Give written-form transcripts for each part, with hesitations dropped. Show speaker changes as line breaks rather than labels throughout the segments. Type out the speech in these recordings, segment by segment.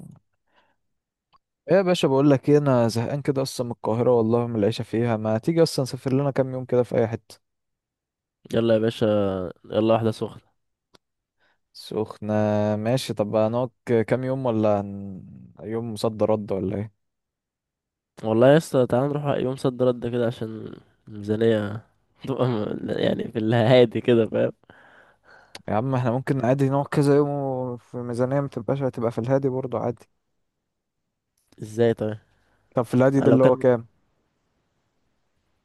ايه يا باشا، بقول لك ايه، انا زهقان كده اصلا من القاهره والله، من العيشه فيها. ما تيجي اصلا نسافر لنا كام يوم كده في اي حته؟
يلا يا باشا، يلا واحدة سخنة.
سخنه. ماشي. طب هنقعد كام يوم ولا يوم صد رد ولا ايه؟
والله يا اسطى تعالى نروح يوم صد رد كده عشان الميزانية تبقى يعني في الهادي كده، فاهم؟
يا عم، احنا ممكن عادي نقعد كذا يوم وفي ميزانيه ما تبقاش. هتبقى في الهادي برضه عادي.
ازاي طيب؟
طب في الهادي
أنا
ده
لو
اللي هو
كان
كام؟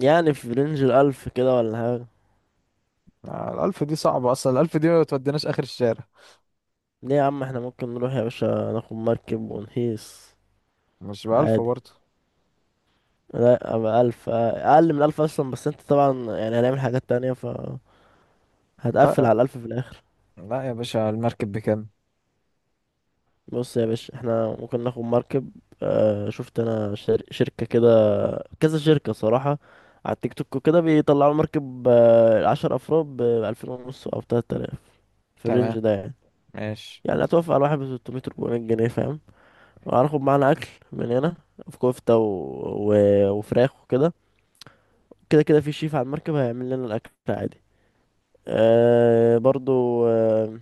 يعني في رينج الألف كده ولا حاجة.
الألف دي صعبة أصلا، الألف دي ما توديناش آخر الشارع.
ليه يا عم احنا ممكن نروح يا باشا ناخد مركب ونهيس
مش بألف
عادي.
برضه.
لا أبقى ألف، أقل من ألف أصلا، بس انت طبعا يعني هنعمل حاجات تانية، ف هتقفل
لا،
على الألف في الآخر.
لا يا باشا، المركب بكام؟
بص يا باشا احنا ممكن ناخد مركب. شفت انا شركة كده، كذا شركة صراحة على التيك توك وكده بيطلعوا مركب، عشر أفراد بألفين ونص أو تلات آلاف، في الرينج
تمام.
ده يعني.
ماشي.
يعني هتوافق على واحد بستمية أربعمية جنيه، فاهم؟ وهناخد معانا أكل من هنا، في كفتة و... وفراخ وكده. كده كده في شيف على المركب هيعمل لنا الأكل عادي. أه، برضو أه.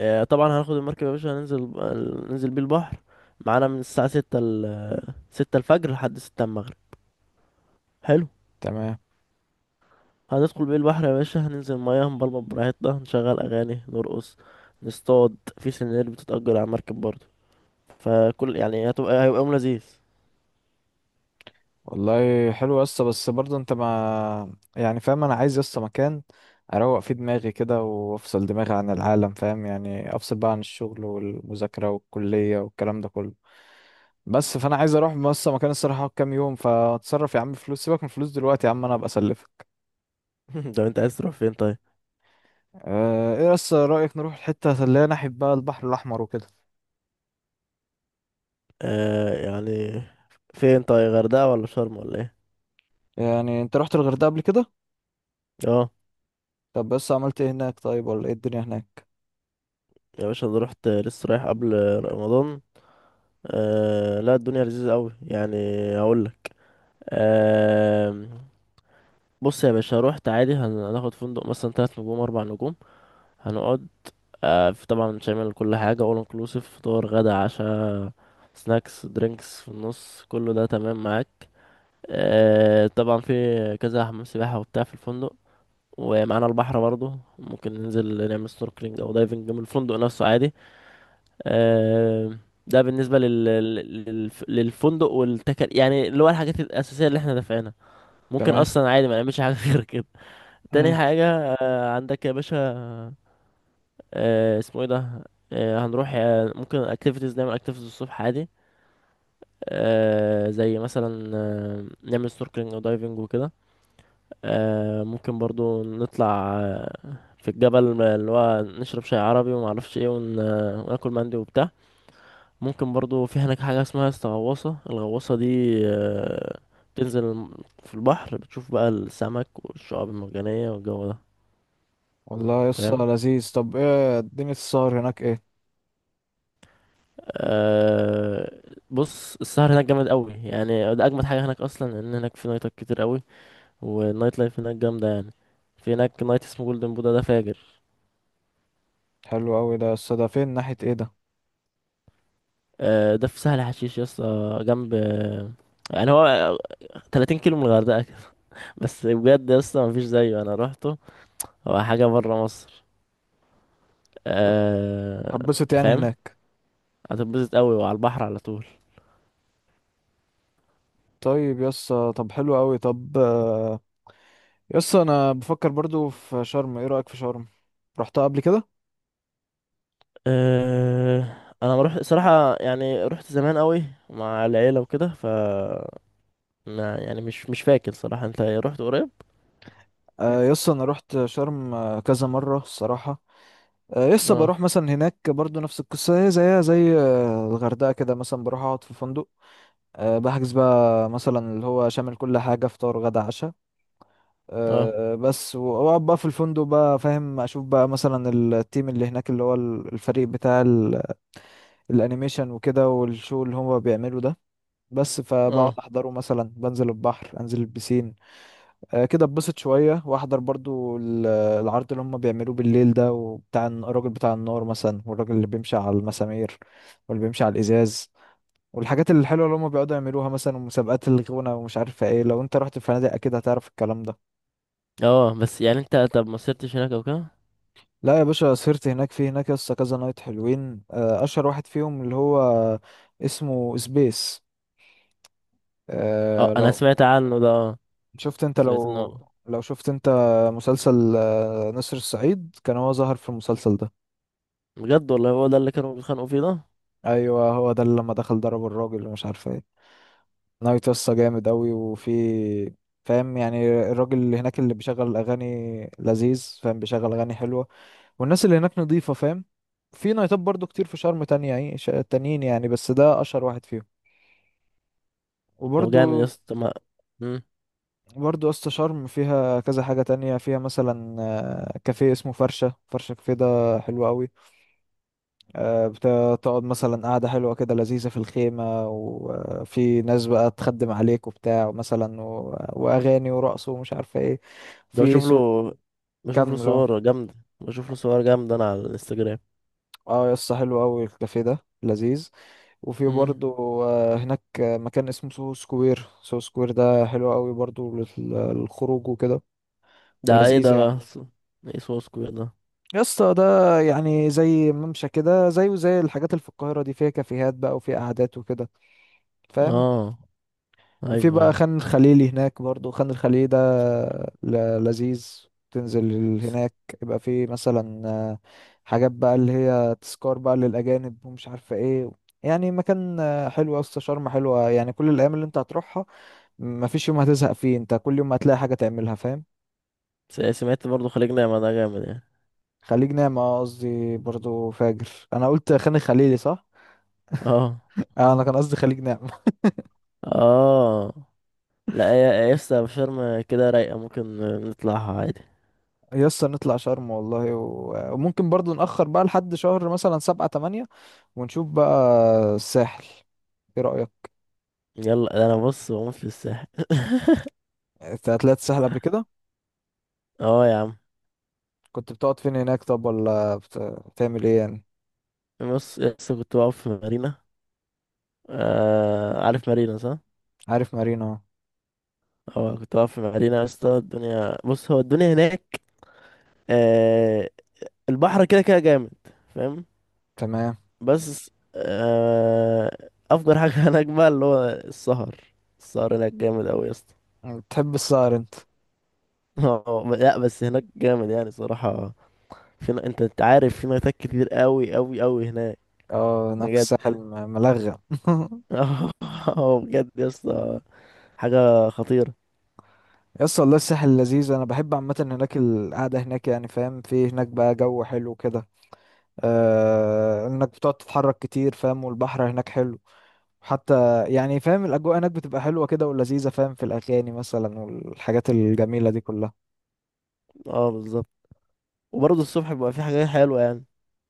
طبعا هناخد المركب يا باشا، ننزل بيه البحر، معانا من الساعة ستة ستة الفجر لحد ستة المغرب. حلو.
تمام.
هندخل بيه البحر يا باشا، هننزل مياه، هنبلبط براحتنا، هنشغل اغاني، نرقص، نصطاد في سنانير بتتأجر على مركب برضه. فكل يعني هيبقى يوم لذيذ.
والله حلو يا اسطى، بس برضه انت ما يعني فاهم، انا عايز يا اسطى مكان اروق فيه دماغي كده، وافصل دماغي عن العالم. فاهم يعني؟ افصل بقى عن الشغل والمذاكره والكليه والكلام ده كله. بس فانا عايز اروح بس مكان الصراحه، أقعد كام يوم. فاتصرف يا عم فلوس، سيبك من الفلوس دلوقتي يا عم، انا ابقى اسلفك.
طب انت عايز تروح فين طيب؟
اه، ايه بس رايك نروح الحته اللي هي ناحيه بقى البحر الاحمر وكده؟
يعني فين طيب، غردقة ولا شرم ولا ايه؟
يعني انت رحت الغردقه قبل كده؟
اه
طب بس عملت ايه هناك طيب، ولا ايه الدنيا هناك؟
يا باشا، انا رحت لسه رايح قبل رمضان. آه، لا الدنيا لذيذة قوي يعني. هقول لك. آه. بص يا باشا، رحت عادي، هناخد فندق مثلا تلات نجوم اربع نجوم، هنقعد. في طبعا شامل كل حاجة، all inclusive، فطار غدا عشاء، سناكس درينكس في النص، كله ده تمام معاك. طبعا في كذا حمام سباحة وبتاع في الفندق، ومعانا البحر برضه، ممكن ننزل نعمل سنوركلينج او دايفنج من الفندق نفسه عادي. آه، ده بالنسبة للفندق والتكل، يعني اللي هو الحاجات الأساسية اللي احنا دافعينها. ممكن
تمام.
أصلا عادي ما نعملش حاجة غير كده. تاني حاجة، عندك يا باشا، اسمه ايه ده، هنروح، ممكن اكتيفيتيز، نعمل اكتيفيتيز الصبح عادي. زي مثلا نعمل سنوركلينج ودايفنج وكده. ممكن برضو نطلع في الجبل، اللي هو نشرب شاي عربي وما اعرفش ايه، ون... آه، وناكل مندي وبتاع. ممكن برضو في هناك حاجة اسمها الغواصة دي، آه بتنزل في البحر، بتشوف بقى السمك والشعاب المرجانية والجو ده،
والله يسطا
فاهم؟
لذيذ. طب ايه الدنيا السهر هناك ايه؟
أه بص السهر هناك جامد قوي، يعني ده اجمد حاجه هناك اصلا، ان هناك في نايتات كتير قوي والنايت لايف هناك جامده يعني. في هناك نايت اسمه جولدن بودا، ده فاجر.
حلو قوي ده يسطا، ده فين؟ ناحية ايه ده؟
أه، ده في سهل حشيش يا اسطى، جنب، يعني هو 30 كيلو من الغردقه كده. بس بجد يا اسطى مفيش زيه، انا روحته، هو حاجه بره مصر.
طب
أه.
هتبسط يعني
فاهم؟
هناك؟
هتتبسط قوي وعلى البحر على طول.
طيب يسطا. طب حلو قوي. طب يسطا انا بفكر برضو في شرم، ايه رأيك في شرم؟ رحتها قبل كده؟
أه، انا ما رحت صراحه، يعني رحت زمان قوي مع العيله وكده، ف ما يعني مش فاكر صراحة، انت رحت قريب؟
يسطا انا رحت شرم كذا مرة الصراحة. يسطا
اه.
بروح مثلا هناك برضو نفس القصة، هي زيها زي الغردقة كده، مثلا بروح اقعد في فندق. بحجز بقى مثلا اللي هو شامل كل حاجة، فطار غدا عشاء.
اه.
بس واقعد بقى في الفندق بقى، فاهم؟ اشوف بقى مثلا التيم اللي هناك، اللي هو الفريق بتاع الانيميشن وكده، والشو اللي هما بيعملوا ده. بس فبقعد
اه.
احضره مثلا، بنزل البحر، انزل البسين. كده اتبسط شويه، واحضر برضو العرض اللي هما بيعملوه بالليل ده وبتاع، الراجل بتاع النار مثلا، والراجل اللي بيمشي على المسامير، واللي بيمشي على الازاز، والحاجات الحلوه اللي هما بيقعدوا يعملوها مثلا، ومسابقات الغنى، ومش عارفه ايه. لو انت رحت الفنادق اكيد هتعرف الكلام ده.
اه بس يعني انت، طب ما سرتش هناك او كده؟
لا يا باشا، سهرت هناك. في هناك لسه كذا نايت حلوين، اشهر واحد فيهم اللي هو اسمه سبيس.
اه،
أه،
انا
لو
سمعت عنه ده. اه،
شفت انت
سمعت
لو
انه.
لو شفت انت مسلسل نسر الصعيد، كان هو ظهر في المسلسل ده.
بجد، والله هو ده اللي كانوا بيتخانقوا فيه ده.
ايوه هو ده، اللي لما دخل ضرب الراجل ومش عارف ايه. نايت لسه جامد اوي، وفي، فاهم يعني؟ الراجل اللي هناك اللي بيشغل الاغاني لذيذ، فاهم؟ بيشغل اغاني حلوه، والناس اللي هناك نظيفه، فاهم؟ في نايتات برضو كتير في شرم تانية يعني، تانيين يعني، بس ده اشهر واحد فيهم.
طب
وبرضو،
جامد يا اسطى، ما. مم.
برضو اسطى شرم فيها كذا حاجة تانية، فيها مثلا كافيه اسمه فرشة فرشة، كافيه ده حلو قوي. آه، بتقعد مثلا قعدة حلوة كده، لذيذة في الخيمة، وفي ناس بقى تخدم عليك وبتاع مثلا، وأغاني ورقص، ومش عارفة ايه.
ده
في
بشوف له
سوق
بشوف له
كامل اهو.
صور جامدة، بشوف له صور جامدة انا على الانستجرام.
اه يا اسطى حلو قوي الكافيه ده، لذيذ. وفي
مم.
برضو هناك مكان اسمه سو سكوير، سو سكوير ده حلو قوي برضو للخروج وكده،
ده ايه
ولذيذ
ده بقى،
يعني.
ايه سوسكو ده؟
يا اسطى ده يعني زي ممشى كده، زيه زي الحاجات اللي في القاهرة دي، فيها كافيهات بقى، وفيها قعدات وكده، فاهم؟
اه.
وفي
ايوه
بقى
ايوه،
خان الخليلي هناك برضو، خان الخليلي ده لذيذ. تنزل هناك يبقى في مثلا حاجات بقى اللي هي تذكار بقى للأجانب، ومش عارفة ايه. يعني مكان حلو يا اسطى، شرم حلوة يعني. كل الأيام اللي انت هتروحها، مفيش يوم هتزهق فيه، انت كل يوم هتلاقي حاجة تعملها، فاهم؟
سمعت برضه خليج نعمة ده جامد يعني.
خليج نعمة قصدي، برضو فاجر. انا قلت خان الخليلي، صح؟
اه.
انا كان قصدي خليج نعمة.
اه، لا يا يسطا شرم كده رايقة، ممكن نطلعها عادي.
يسطا نطلع شرم والله، وممكن برضو نأخر بقى لحد شهر مثلا 7 أو 8، ونشوف بقى الساحل، ايه رأيك؟
يلا، ده انا بص بموت في الساحل.
انت طلعت الساحل قبل كده؟
اه يا عم.
كنت بتقعد فين هناك طب، ولا بتعمل ايه يعني؟
بص يسطا، كنت واقف في مارينا. عارف مارينا، صح؟
عارف مارينا أهو.
اه، كنت واقف في مارينا يسطا، الدنيا، بص هو الدنيا هناك، آه البحر كده كده جامد، فاهم؟
تمام.
بس افجر حاجة هناك بقى اللي هو السهر. السهر هناك جامد اوي يسطا.
بتحب السهر انت؟
اه، لا بس هناك جامد يعني صراحة، في انت عارف، في نايتات كتير قوي قوي قوي هناك.
اه، هناك
بجد.
الساحل ملغم.
اه، بجد يا اسطى، حاجه خطيره.
يس والله الساحل لذيذ، انا بحب عامه هناك، القعده هناك يعني فاهم، في هناك بقى جو حلو كده، آه، انك بتقعد تتحرك كتير فاهم، والبحر هناك حلو حتى يعني، فاهم؟ الأجواء هناك بتبقى حلوة كده ولذيذة، فاهم؟ في الأغاني مثلا، والحاجات الجميلة دي كلها.
اه، بالظبط، وبرضه الصبح بيبقى في حاجات حلوه يعني.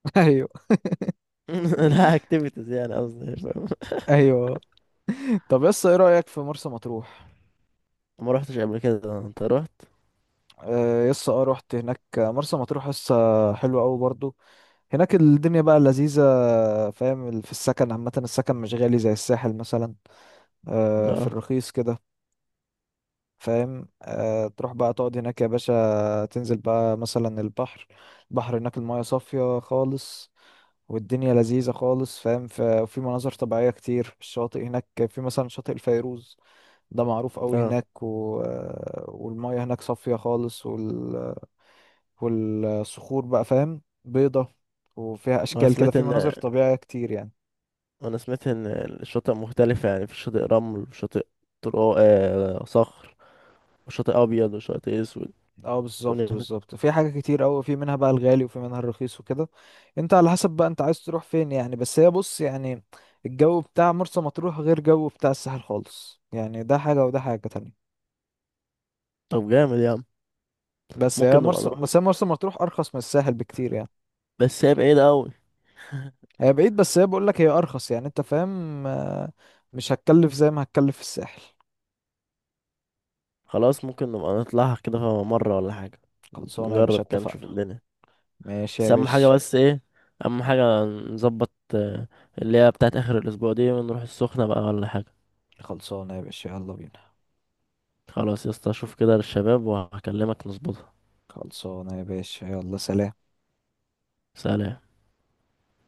أيوه.
لا اكتيفيتيز يعني قصدي، فاهم؟
أيوه. طب يس، إيه رأيك في مرسى مطروح؟
ما روحتش قبل كده، انت رحت؟
يس اه رحت هناك مرسى مطروح، يس حلوة أوي برضو. هناك الدنيا بقى لذيذة، فاهم في السكن عامة؟ السكن مش غالي زي الساحل مثلا، في
اه.
الرخيص كده، فاهم؟ تروح بقى تقعد هناك يا باشا، تنزل بقى مثلا البحر. البحر هناك المايه صافية خالص، والدنيا لذيذة خالص، فاهم؟ وفي مناظر طبيعية كتير. الشاطئ هناك في مثلا شاطئ الفيروز، ده معروف قوي
اه،
هناك، والمية هناك صافية خالص، والصخور بقى فاهم بيضة، وفيها
انا
أشكال كده،
سمعت
في
ان
مناظر طبيعية كتير يعني.
انا سمعت ان الشواطئ مختلفه، يعني في شاطئ رمل وشاطئ صخر، وشاطئ ابيض وشاطئ اسود.
اه بالظبط،
الدنيا هناك-
بالظبط، في حاجة كتير قوي، في منها بقى الغالي، وفي منها الرخيص وكده. انت على حسب بقى انت عايز تروح فين يعني. بس هي بص يعني، الجو بتاع مرسى مطروح غير جو بتاع الساحل خالص يعني، ده حاجة وده حاجة تانية.
طب جامد يا عم، ممكن نبقى نروح،
بس هي مرسى مطروح ارخص من الساحل بكتير يعني.
بس هي بعيدة أوي.
هي بعيد، بس هي بقول لك هي ارخص يعني، انت فاهم؟ مش هتكلف زي ما هتكلف في الساحل.
خلاص، ممكن نبقى نطلعها كده مرة ولا حاجة،
خلصانه يا باشا،
نجرب كده نشوف
اتفقنا.
الدنيا.
ماشي
بس
يا
أهم حاجة،
باشا.
بس ايه، أهم حاجة نظبط اللي هي بتاعت آخر الأسبوع دي، ونروح السخنة بقى ولا حاجة.
خلصانه يا باشا، يلا بينا.
خلاص يا اسطى، أشوف كده للشباب وهكلمك نظبطها.
خلصانه يا باشا، يلا سلام.
سلام.